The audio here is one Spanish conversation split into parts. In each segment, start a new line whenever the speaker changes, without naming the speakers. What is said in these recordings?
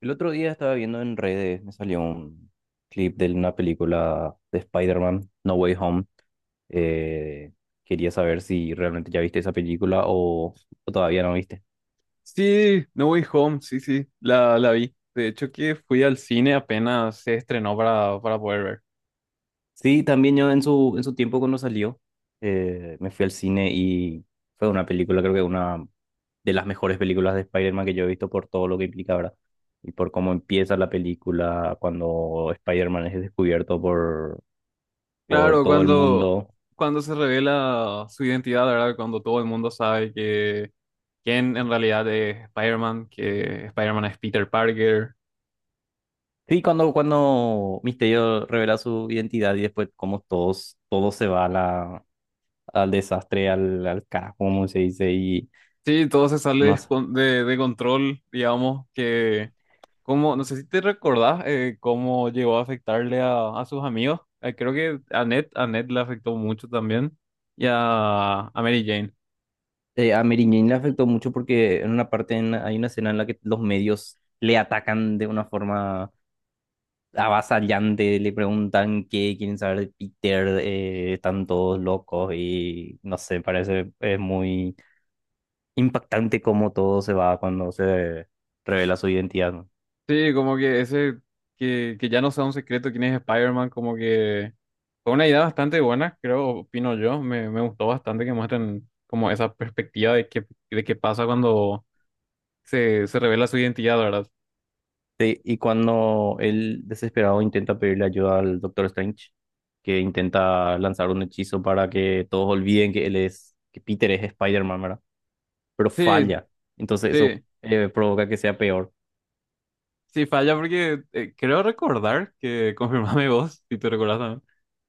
El otro día estaba viendo en redes, me salió un clip de una película de Spider-Man, No Way Home. Eh, Quería saber si realmente ya viste esa película o todavía no viste.
Sí, No Way Home, sí, sí, la vi. De hecho que fui al cine apenas se estrenó para poder ver.
Sí, también yo en en su tiempo cuando salió, me fui al cine y fue una película, creo que una de las mejores películas de Spider-Man que yo he visto por todo lo que implica, ¿verdad? Y por cómo empieza la película cuando Spider-Man es descubierto por
Claro,
todo el
cuando,
mundo.
cuando se revela su identidad, ¿verdad? Cuando todo el mundo sabe que quién en realidad es Spider-Man, que Spider-Man es Peter Parker.
Sí, cuando Misterio revela su identidad y después como todo se va a al desastre, al carajo, como se dice, y
Sí, todo se sale
no sé.
de, de control, digamos, que... Como, no sé si te recordás cómo llegó a afectarle a sus amigos. Creo que a Ned le afectó mucho también. Y a Mary Jane.
A Mary Jane le afectó mucho porque en una parte hay una escena en la que los medios le atacan de una forma avasallante, le preguntan qué quieren saber de Peter, están todos locos y no sé, parece es muy impactante cómo todo se va cuando se revela su identidad, ¿no?
Sí, como que ese, que ya no sea un secreto quién es Spider-Man, como que fue una idea bastante buena, creo, opino yo. Me gustó bastante que muestren como esa perspectiva de qué pasa cuando se revela su identidad, ¿verdad?
Sí, y cuando él desesperado intenta pedirle ayuda al Doctor Strange, que intenta lanzar un hechizo para que todos olviden que que Peter es Spider-Man, ¿verdad? Pero
Sí,
falla. Entonces eso
sí,
provoca que sea peor.
sí, falla porque creo recordar que, confirmame vos, si te recordás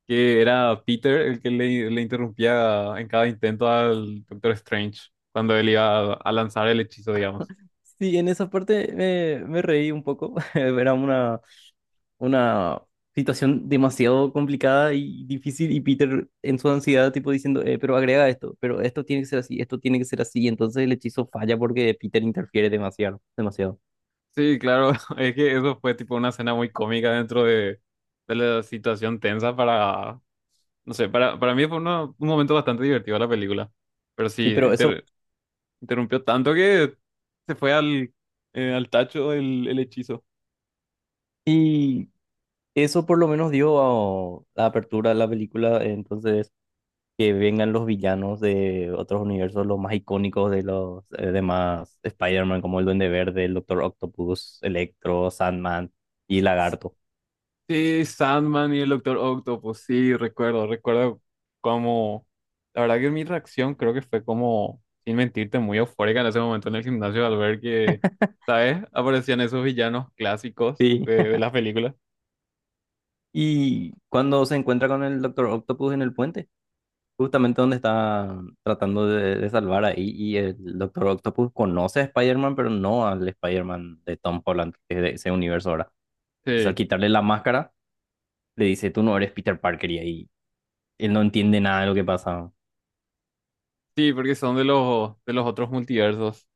que era Peter el que le interrumpía en cada intento al Doctor Strange cuando él iba a lanzar el hechizo, digamos.
Sí, en esa parte me reí un poco. Era una situación demasiado complicada y difícil, y Peter en su ansiedad tipo diciendo, pero agrega esto, pero esto tiene que ser así, esto tiene que ser así." Y entonces el hechizo falla porque Peter interfiere demasiado, demasiado.
Sí, claro, es que eso fue tipo una escena muy cómica dentro de la situación tensa para, no sé, para mí fue una- un momento bastante divertido la película, pero sí,
Sí, pero eso,
inter- interrumpió tanto que se fue al, al tacho el hechizo.
y eso por lo menos dio la apertura de la película, entonces que vengan los villanos de otros universos, los más icónicos de los demás Spider-Man, como el Duende Verde, el Doctor Octopus, Electro, Sandman y Lagarto.
Sí, Sandman y el Doctor Octopus, sí, recuerdo, recuerdo como, la verdad que mi reacción creo que fue como, sin mentirte, muy eufórica en ese momento en el gimnasio al ver que, ¿sabes? Aparecían esos villanos clásicos
Sí.
de las películas.
Y cuando se encuentra con el Doctor Octopus en el puente, justamente donde está tratando de salvar ahí, y el Doctor Octopus conoce a Spider-Man, pero no al Spider-Man de Tom Holland, que es de ese universo ahora. Entonces al
Sí,
quitarle la máscara le dice, tú no eres Peter Parker, y ahí él no entiende nada de lo que pasa.
sí, porque son de los otros multiversos.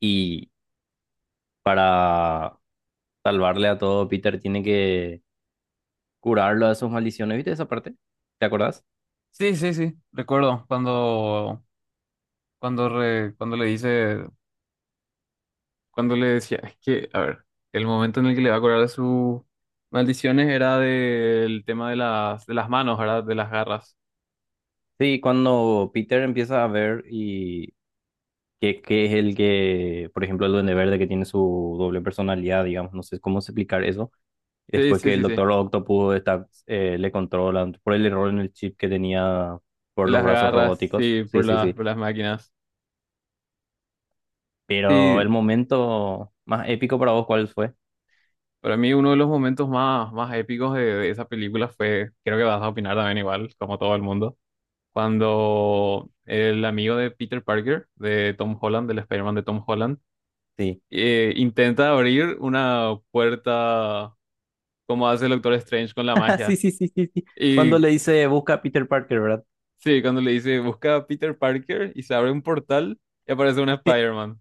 Y para salvarle a todo, Peter tiene que curarlo de sus maldiciones. ¿Viste esa parte? ¿Te acordás?
Sí, sí, sí, recuerdo cuando, cuando, re- cuando le dice, cuando le decía, es que, a ver, el momento en el que le va a curar de sus maldiciones era del tema de las manos, ¿verdad? De las garras.
Sí, cuando Peter empieza a ver y que es el que, por ejemplo, el Duende Verde que tiene su doble personalidad, digamos, no sé cómo explicar eso.
Sí,
Después
sí,
que el
sí, sí.
Doctor Octopus está, le controla por el error en el chip que tenía
De
por los
las
brazos
garras,
robóticos.
sí,
Sí, sí, sí.
por las máquinas.
Pero
Sí,
el momento más épico para vos, ¿cuál fue?
para mí uno de los momentos más, más épicos de esa película fue, creo que vas a opinar también igual, como todo el mundo, cuando el amigo de Peter Parker, de Tom Holland, del Spider-Man de Tom Holland,
Sí.
intenta abrir una puerta como hace el Doctor Strange con la
Sí,
magia.
sí, sí, sí, sí. Cuando
Y
le dice busca a Peter Parker, ¿verdad?
sí, cuando le dice busca a Peter Parker y se abre un portal y aparece una Spider-Man.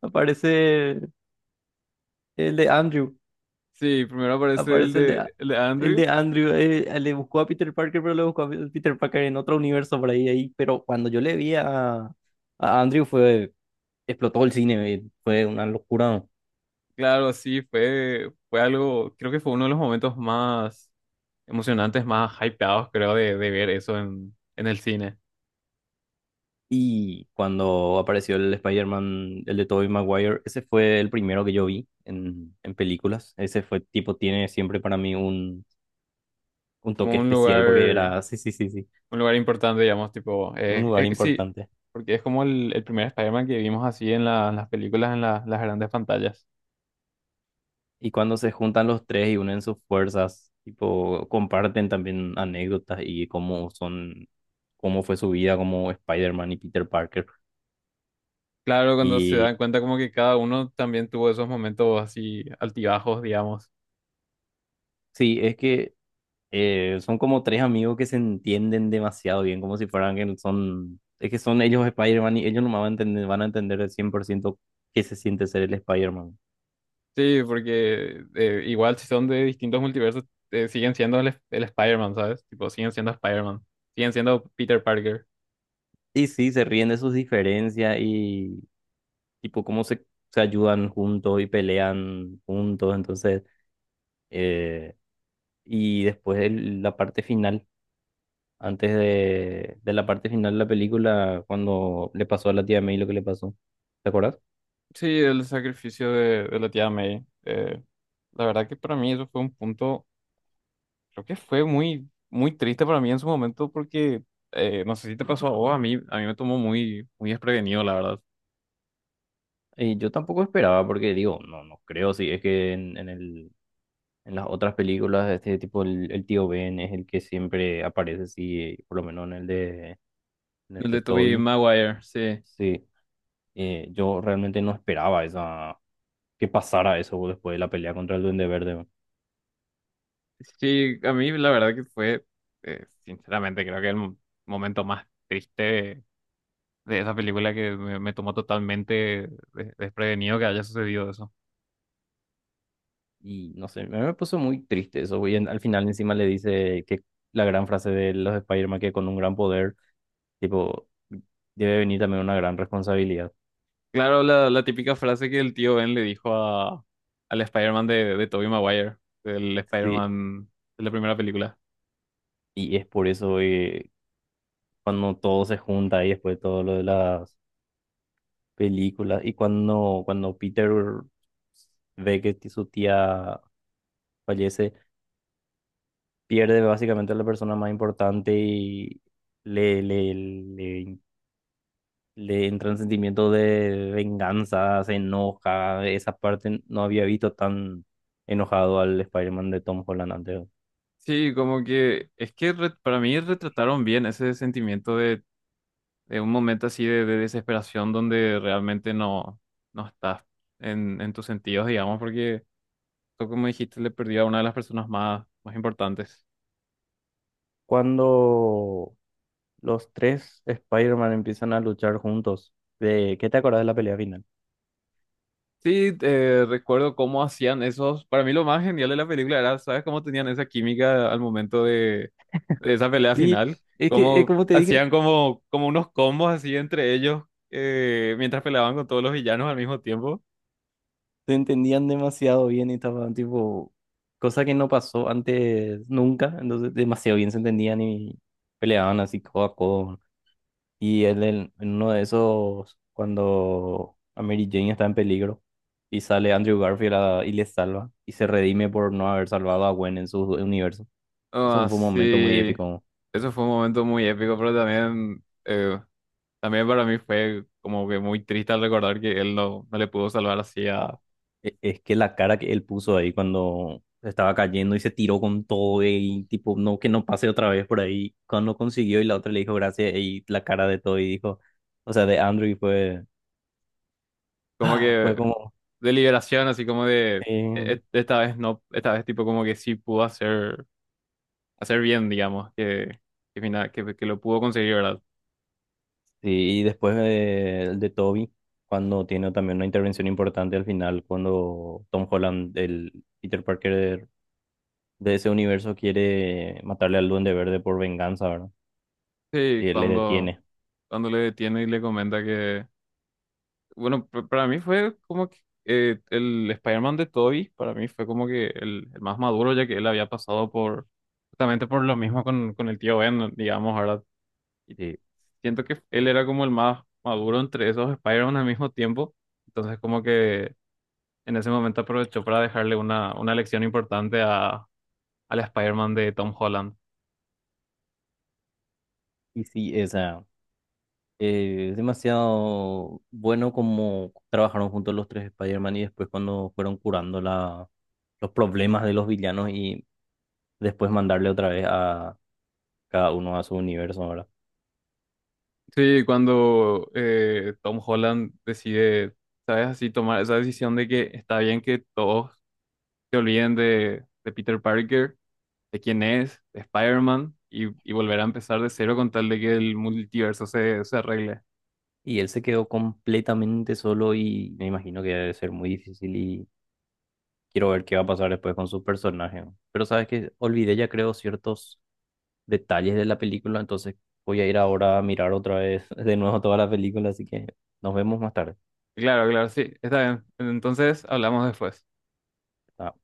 Aparece el de Andrew.
Sí, primero aparece
Aparece el
el de
el
Andrew.
de Andrew. Eh, le buscó a Peter Parker, pero le buscó a Peter Parker en otro universo por ahí, ahí. Pero cuando yo le vi a Andrew fue, explotó el cine, fue una locura, ¿no?
Claro, sí, fue, fue algo, creo que fue uno de los momentos más emocionantes, más hypeados, creo, de ver eso en el cine.
Y cuando apareció el Spider-Man, el de Tobey Maguire, ese fue el primero que yo vi en películas. Ese fue tipo, tiene siempre para mí un toque
Como
especial porque era, sí, sí, sí, sí,
un lugar importante, digamos, tipo,
un lugar
sí,
importante.
porque es como el primer Spider-Man que vimos así en la- en las películas, en la- las grandes pantallas.
Y cuando se juntan los tres y unen sus fuerzas, tipo, comparten también anécdotas y cómo son, cómo fue su vida como Spider-Man y Peter Parker.
Claro, cuando se
Y
dan cuenta como que cada uno también tuvo esos momentos así altibajos, digamos.
sí, es que son como tres amigos que se entienden demasiado bien, como si fueran que son, es que son ellos Spider-Man, y ellos no van a entender, van a entender al ciento qué se siente ser el Spider-Man.
Sí, porque igual si son de distintos multiversos, siguen siendo el Spider-Man, ¿sabes? Tipo, siguen siendo Spider-Man. Siguen siendo Peter Parker.
Y sí, se ríen de sus diferencias y tipo cómo se ayudan juntos y pelean juntos, entonces, eh, y después la parte final, antes de la parte final de la película, cuando le pasó a la tía May lo que le pasó, ¿te acuerdas?
Sí, el sacrificio de la tía May. La verdad que para mí eso fue un punto, creo que fue muy, muy triste para mí en su momento porque, no sé si te pasó a vos, a mí me tomó muy, muy desprevenido, la verdad.
Y yo tampoco esperaba, porque digo, no, no creo, sí, es que en en las otras películas de este tipo, el tío Ben es el que siempre aparece, sí, por lo menos en el
El
de
de Tobey
Toby,
Maguire, sí.
sí. Yo realmente no esperaba esa, que pasara eso después de la pelea contra el Duende Verde, ¿no?
Sí, a mí la verdad que fue, sinceramente, creo que el mo- momento más triste de esa película que me tomó totalmente de- desprevenido que haya sucedido eso.
Y no sé, me puso muy triste eso, y al final encima le dice que la gran frase de los Spider-Man, que con un gran poder, tipo, debe venir también una gran responsabilidad.
Claro, la típica frase que el tío Ben le dijo a, al Spider-Man de Tobey Maguire, del
Sí,
Spider-Man de la primera película.
y es por eso cuando todo se junta y después todo lo de las películas y cuando Peter ve que su tía fallece, pierde básicamente a la persona más importante y le, le, le, le entran sentimiento de venganza, se enoja. Esa parte no había visto tan enojado al Spider-Man de Tom Holland antes.
Sí, como que es que re- para mí retrataron bien ese sentimiento de un momento así de desesperación donde realmente no, no estás en tus sentidos, digamos, porque tú, como dijiste, le perdió a una de las personas más, más importantes.
Cuando los tres Spider-Man empiezan a luchar juntos, ¿qué te acordás de la pelea final?
Sí, recuerdo cómo hacían esos. Para mí lo más genial de la película era, ¿sabes cómo tenían esa química al momento de esa pelea
Sí,
final?
es que,
Cómo
como te dije,
hacían como, como unos combos así entre ellos mientras peleaban con todos los villanos al mismo tiempo.
te entendían demasiado bien y estaban tipo, cosa que no pasó antes nunca, entonces demasiado bien se entendían y peleaban así codo a codo. Y él en uno de esos, cuando a Mary Jane está en peligro y sale Andrew Garfield y le salva y se redime por no haber salvado a Gwen en su universo. Eso
Ah,
fue un momento muy
sí.
épico.
Eso fue un momento muy épico, pero también, también para mí fue como que muy triste al recordar que él no, no le pudo salvar así a...
E- Es que la cara que él puso ahí cuando estaba cayendo y se tiró con todo y tipo, no, que no pase otra vez por ahí, cuando consiguió y la otra le dijo gracias y la cara de todo y dijo, o sea, de Andrew fue,
Como
ah, fue
que
como,
de liberación, así como de "E-
sí,
e, esta vez no, esta vez tipo como que sí pudo hacer, hacer bien, digamos, que, fina- que lo pudo conseguir, ¿verdad?
sí, y después de Toby, cuando tiene también una intervención importante al final, cuando Tom Holland, el Peter Parker de, de ese universo, quiere matarle al Duende Verde por venganza, ¿verdad?
Sí,
Y él le
cuando,
detiene.
cuando le detiene y le comenta que, bueno, p- para mí fue como que el Spider-Man de Tobey, para mí fue como que el más maduro, ya que él había pasado por, justamente por lo mismo con el tío Ben, digamos, ¿verdad? Y
Sí.
siento que él era como el más maduro entre esos Spider-Man al mismo tiempo. Entonces, como que en ese momento aprovechó para dejarle una lección importante a, al Spider-Man de Tom Holland.
Y sí, esa... es demasiado bueno como trabajaron juntos los tres Spider-Man y después cuando fueron curando los problemas de los villanos y después mandarle otra vez a cada uno a su universo ahora.
Sí, cuando Tom Holland decide, ¿sabes? Así tomar esa decisión de que está bien que todos se olviden de Peter Parker, de quién es, de Spider-Man, y volver a empezar de cero con tal de que el multiverso se, se arregle.
Y él se quedó completamente solo y me imagino que debe ser muy difícil y quiero ver qué va a pasar después con su personaje, ¿no? Pero sabes que olvidé ya creo ciertos detalles de la película, entonces voy a ir ahora a mirar otra vez de nuevo toda la película, así que nos vemos más tarde.
Claro, claro, sí, está bien. Entonces hablamos después.
Ah,